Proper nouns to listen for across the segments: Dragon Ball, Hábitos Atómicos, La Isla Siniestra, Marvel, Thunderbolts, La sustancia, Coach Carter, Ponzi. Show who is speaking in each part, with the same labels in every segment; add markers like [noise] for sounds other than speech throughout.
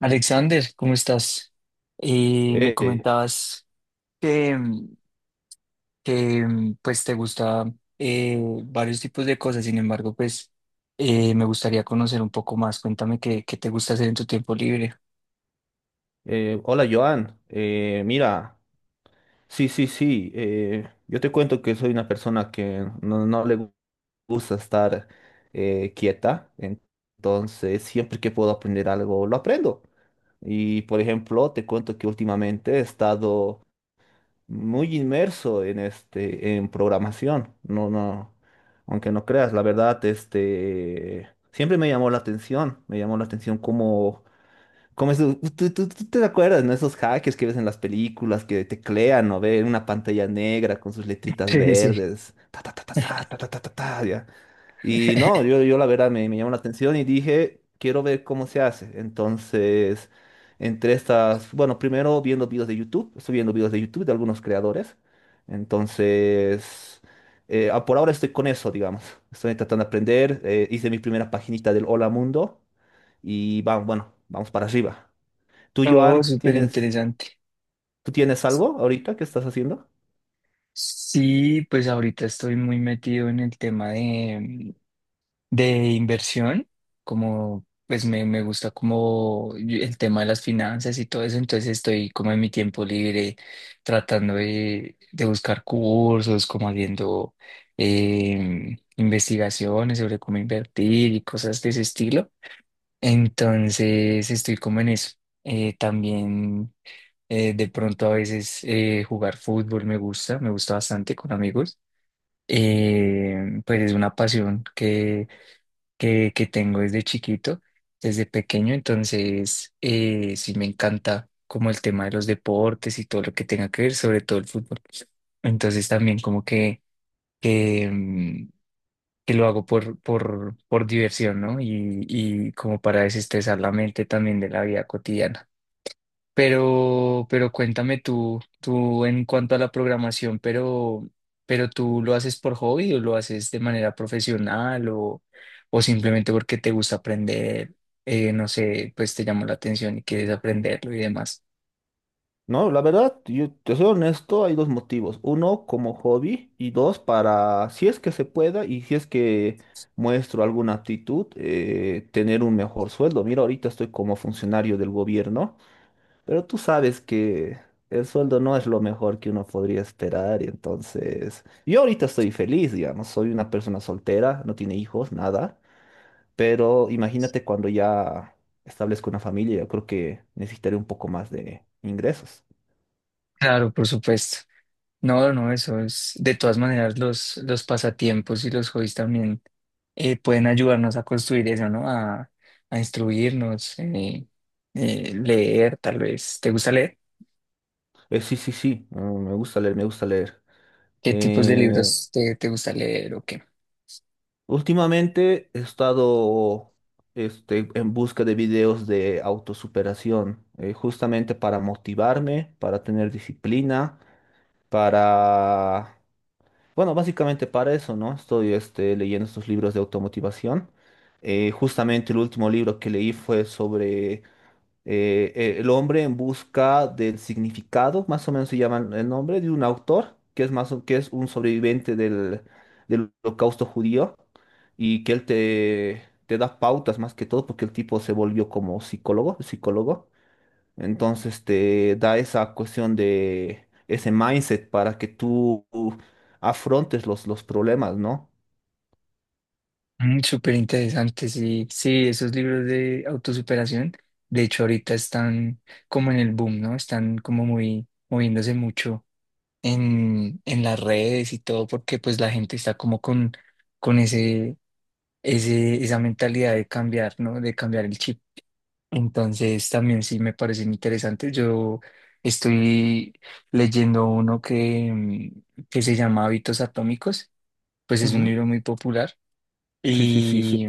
Speaker 1: Alexander, ¿cómo estás? Me
Speaker 2: Eh,
Speaker 1: comentabas que, mm, pues te gusta eh, varios tipos de cosas. Sin embargo, pues me gustaría conocer un poco más. Cuéntame qué te gusta hacer en tu tiempo libre.
Speaker 2: hola Joan. Mira, sí, sí, sí, yo te cuento que soy una persona que no gusta estar quieta, entonces siempre que puedo aprender algo, lo aprendo. Y por ejemplo, te cuento que últimamente he estado muy inmerso en este, en programación. No, no, aunque no creas, la verdad, este, siempre me llamó la atención, me llamó la atención cómo como es, tú te acuerdas, ¿no? Esos hackers que ves en las películas que teclean o ven una pantalla negra con sus letritas
Speaker 1: Sí, sí.
Speaker 2: verdes, ta ta ta ta ta ta ta ta ta, ta, ya. Y no,
Speaker 1: [laughs]
Speaker 2: yo la verdad me llamó la atención y dije, quiero ver cómo se hace. Entonces, entre estas, bueno, primero viendo videos de YouTube, estoy viendo videos de YouTube de algunos creadores. Entonces, por ahora estoy con eso, digamos. Estoy tratando de aprender, hice mi primera paginita del Hola Mundo y vamos, bueno, vamos para arriba. Tú,
Speaker 1: Oh,
Speaker 2: Joan,
Speaker 1: súper interesante.
Speaker 2: ¿tú tienes algo ahorita que estás haciendo?
Speaker 1: Sí, pues ahorita estoy muy metido en el tema de de inversión, como pues me gusta como el tema de las finanzas y todo eso. Entonces estoy como en mi tiempo libre tratando de buscar cursos, como haciendo investigaciones sobre cómo invertir y cosas de ese estilo. Entonces estoy como en eso. También de pronto a veces jugar fútbol me gusta bastante con amigos. Pues es una pasión que tengo desde chiquito, desde pequeño. Entonces sí, me encanta como el tema de los deportes y todo lo que tenga que ver, sobre todo el fútbol. Entonces también como que, mm, que lo hago por diversión, ¿no? Y como para desestresar la mente también de la vida cotidiana. Pero cuéntame, tú en cuanto a la programación, tú lo haces por hobby, o lo haces de manera profesional, o simplemente porque te gusta aprender. No sé, pues te llamó la atención y quieres aprenderlo y demás.
Speaker 2: No, la verdad, yo te soy honesto, hay dos motivos. Uno, como hobby, y dos, para, si es que se pueda y si es que muestro alguna aptitud, tener un mejor sueldo. Mira, ahorita estoy como funcionario del gobierno, pero tú sabes que el sueldo no es lo mejor que uno podría esperar, y entonces, yo ahorita estoy feliz, digamos, soy una persona soltera, no tiene hijos, nada. Pero imagínate cuando ya establezco una familia, yo creo que necesitaré un poco más de ingresos.
Speaker 1: Claro, por supuesto. No, no, eso es de todas maneras. Los pasatiempos y los hobbies también pueden ayudarnos a construir eso, ¿no? A instruirnos, leer, tal vez. ¿Te gusta leer?
Speaker 2: Sí, sí, sí, mm, me gusta leer, me gusta leer.
Speaker 1: ¿Qué tipos de
Speaker 2: Eh,
Speaker 1: libros te gusta leer o qué?
Speaker 2: Últimamente he estado este, en busca de videos de autosuperación, justamente para motivarme, para tener disciplina, para... Bueno, básicamente para eso, ¿no? Estoy este, leyendo estos libros de automotivación. Justamente el último libro que leí fue sobre el hombre en busca del significado, más o menos se llama el nombre, de un autor que es, que es un sobreviviente del holocausto judío y que él te da pautas más que todo porque el tipo se volvió como psicólogo, psicólogo. Entonces te da esa cuestión de ese mindset para que tú afrontes los problemas, ¿no?
Speaker 1: Mm, súper interesante. Sí, sí, esos libros de autosuperación, de hecho ahorita están como en el boom, ¿no? Están como muy moviéndose mucho en las redes y todo, porque pues la gente está como con esa mentalidad de cambiar, ¿no? De cambiar el chip. Entonces también sí me parecen interesantes. Yo estoy leyendo uno que se llama Hábitos Atómicos. Pues es un
Speaker 2: Ujú.
Speaker 1: libro muy popular
Speaker 2: Sí, sí, sí, sí.
Speaker 1: y,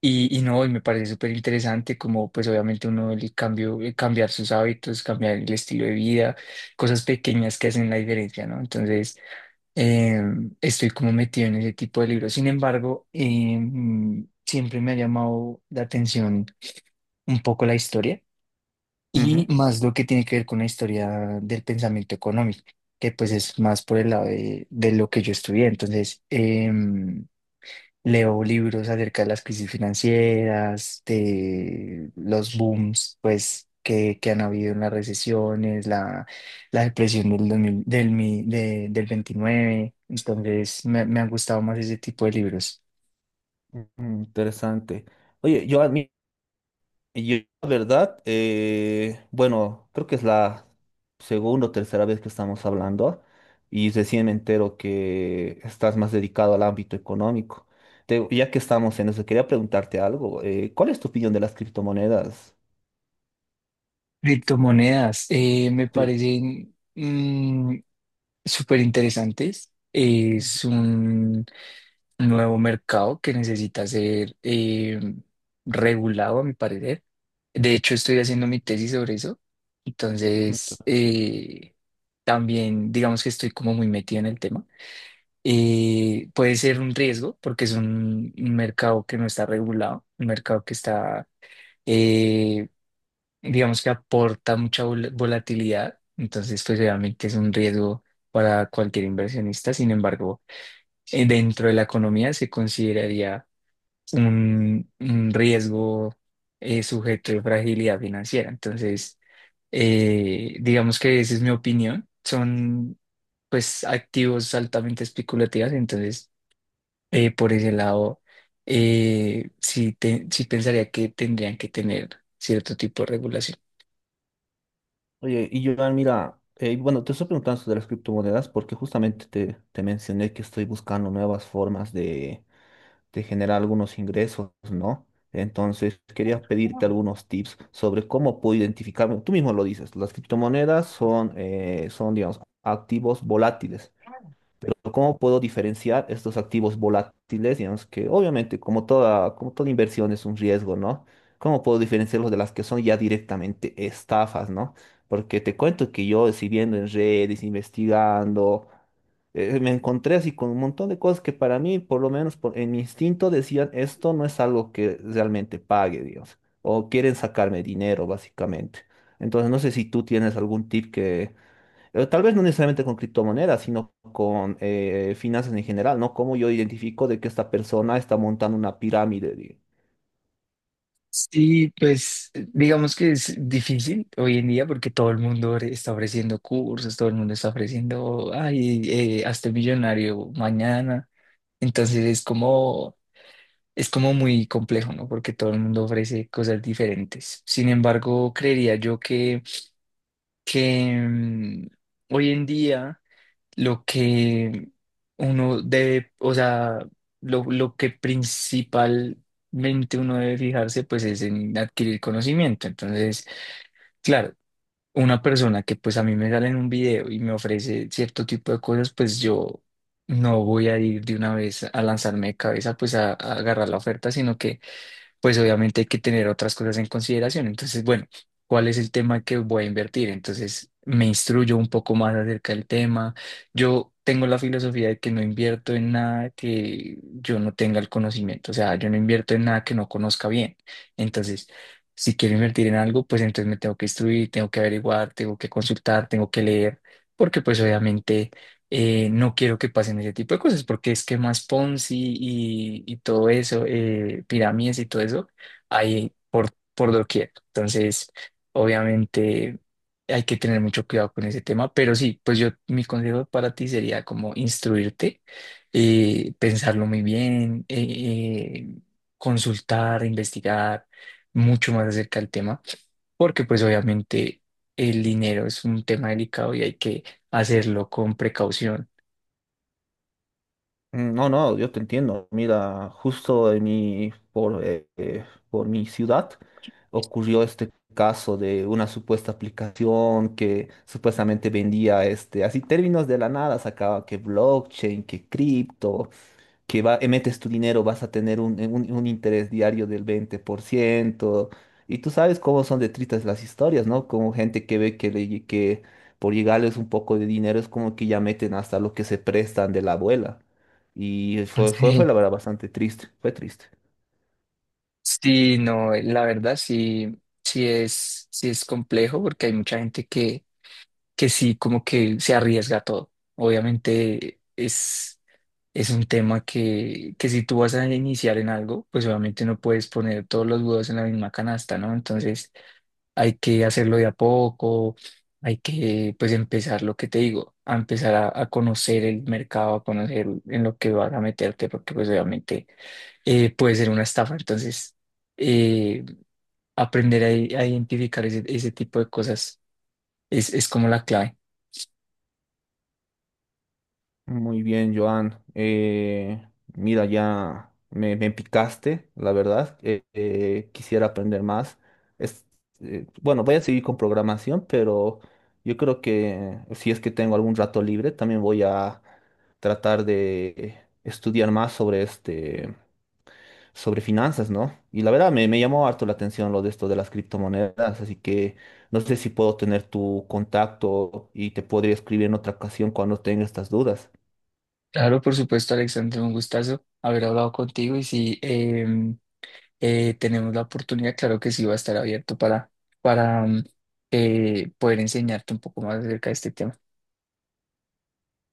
Speaker 1: y no, y me parece súper interesante, como pues obviamente uno, el cambio, cambiar sus hábitos, cambiar el estilo de vida, cosas pequeñas que hacen la diferencia, ¿no? Entonces eh, estoy como metido en ese tipo de libros. Sin embargo, siempre me ha llamado la atención un poco la historia, y
Speaker 2: Ujú.
Speaker 1: más lo que tiene que ver con la historia del pensamiento económico, que pues es más por el lado de lo que yo estudié. Entonces leo libros acerca de las crisis financieras, de los booms, pues, que han habido, en las recesiones, la depresión del, 2000 del, mi- de- del 29. Entonces me han gustado más ese tipo de libros.
Speaker 2: Ujú. Interesante. Oye, yo Y Yo, la verdad, bueno, creo que es la segunda o tercera vez que estamos hablando y recién me entero que estás más dedicado al ámbito económico. Ya que estamos en eso, quería preguntarte algo. ¿Cuál es tu opinión de las criptomonedas?
Speaker 1: Criptomonedas, me
Speaker 2: Sí.
Speaker 1: parecen, súper interesantes. Es un nuevo mercado que necesita ser regulado, a mi parecer. De hecho, estoy haciendo mi tesis sobre eso. Entonces también digamos que estoy como muy metido en el tema. Puede ser un riesgo porque es un mercado que no está regulado, un mercado que está eh, digamos que aporta mucha volatilidad. Entonces pues obviamente es un riesgo para cualquier inversionista. Sin embargo, dentro de la economía se consideraría un riesgo sujeto de fragilidad financiera. Entonces digamos que esa es mi opinión. Son pues activos altamente especulativos. Entonces por ese lado sí, sí pensaría que tendrían que tener cierto tipo de regulación.
Speaker 2: Oye, y Joan, mira, bueno, te estoy preguntando sobre las criptomonedas porque justamente te mencioné que estoy buscando nuevas formas te genera algunos ingresos, ¿no? Entonces, quería pedirte algunos tips sobre cómo puedo identificarme. Tú mismo lo dices, las criptomonedas son, digamos, activos volátiles. Pero ¿cómo puedo diferenciar estos activos volátiles, digamos que obviamente como toda inversión es un riesgo, ¿no? ¿Cómo puedo diferenciarlos de las que son ya directamente estafas, ¿no? Porque te cuento que yo, si viendo en redes, investigando, me encontré así con un montón de cosas que para mí, por lo menos en mi instinto, decían, esto no es algo que realmente pague, Dios, o quieren sacarme dinero, básicamente. Entonces, no sé si tú tienes algún tip que, tal vez no necesariamente con criptomonedas, sino con finanzas en general, ¿no? ¿Cómo yo identifico de que esta persona está montando una pirámide? Digo?
Speaker 1: Sí, pues digamos que es difícil hoy en día, porque todo el mundo está ofreciendo cursos, todo el mundo está ofreciendo, ay, hazte millonario mañana. Entonces es como muy complejo, ¿no? Porque todo el mundo ofrece cosas diferentes. Sin embargo, creería yo que hoy en día lo que uno debe, o sea, lo que principalmente uno debe fijarse, pues es en adquirir conocimiento. Entonces, claro, una persona que pues a mí me sale en un video y me ofrece cierto tipo de cosas, pues yo no voy a ir de una vez a lanzarme de cabeza pues a agarrar la oferta, sino que pues obviamente hay que tener otras cosas en consideración. Entonces, bueno, ¿cuál es el tema que voy a invertir? Entonces me instruyo un poco más acerca del tema. Yo tengo la filosofía de que no invierto en nada que yo no tenga el conocimiento. O sea, yo no invierto en nada que no conozca bien. Entonces, si quiero invertir en algo, pues entonces me tengo que instruir, tengo que averiguar, tengo que consultar, tengo que leer, porque pues obviamente no quiero que pasen ese tipo de cosas, porque esquemas Ponzi y todo eso, pirámides y todo eso, hay por doquier. Entonces, obviamente hay que tener mucho cuidado con ese tema. Pero sí, pues yo, mi consejo para ti sería como instruirte, pensarlo muy bien, eh, consultar, investigar mucho más acerca del tema, porque pues obviamente el dinero es un tema delicado y hay que hacerlo con precaución.
Speaker 2: Mm. No, no, yo te entiendo. Mira, justo en mi, por mi ciudad ocurrió este caso de una supuesta aplicación que supuestamente vendía este, así términos de la nada, sacaba que blockchain, que cripto, que va, metes tu dinero vas a tener un, un interés diario del 20%. Y tú sabes cómo son de tristes las historias, ¿no? Como gente que ve que, que por llegarles un poco de dinero es como que ya meten hasta lo que se prestan de la abuela. Y fue
Speaker 1: Sí.
Speaker 2: la verdad bastante triste, fue triste.
Speaker 1: Sí, no, la verdad sí, sí es complejo, porque hay mucha gente que sí, como que se arriesga a todo. Obviamente es un tema que si tú vas a iniciar en algo, pues obviamente no puedes poner todos los huevos en la misma canasta, ¿no? Entonces hay que hacerlo de a poco, hay que, pues empezar lo que te digo, a empezar a conocer el mercado, a conocer en lo que vas a meterte, porque pues obviamente puede ser una estafa. Entonces eh, aprender a identificar ese tipo de cosas es como la clave.
Speaker 2: Muy bien, Joan. Mira, ya me picaste, la verdad. Quisiera aprender más. Es, bueno, voy a seguir con programación, pero yo creo que si es que tengo algún rato libre, también voy a tratar de estudiar más sobre este, sobre finanzas, ¿no? Y la verdad me llamó harto la atención lo de esto de las criptomonedas, así que no sé si puedo tener tu contacto y te podría escribir en otra ocasión cuando tenga estas dudas.
Speaker 1: Claro, por supuesto, Alexandre, un gustazo haber hablado contigo. Y si tenemos la oportunidad, claro que sí, va a estar abierto para, para em, poder enseñarte un poco más acerca de este tema.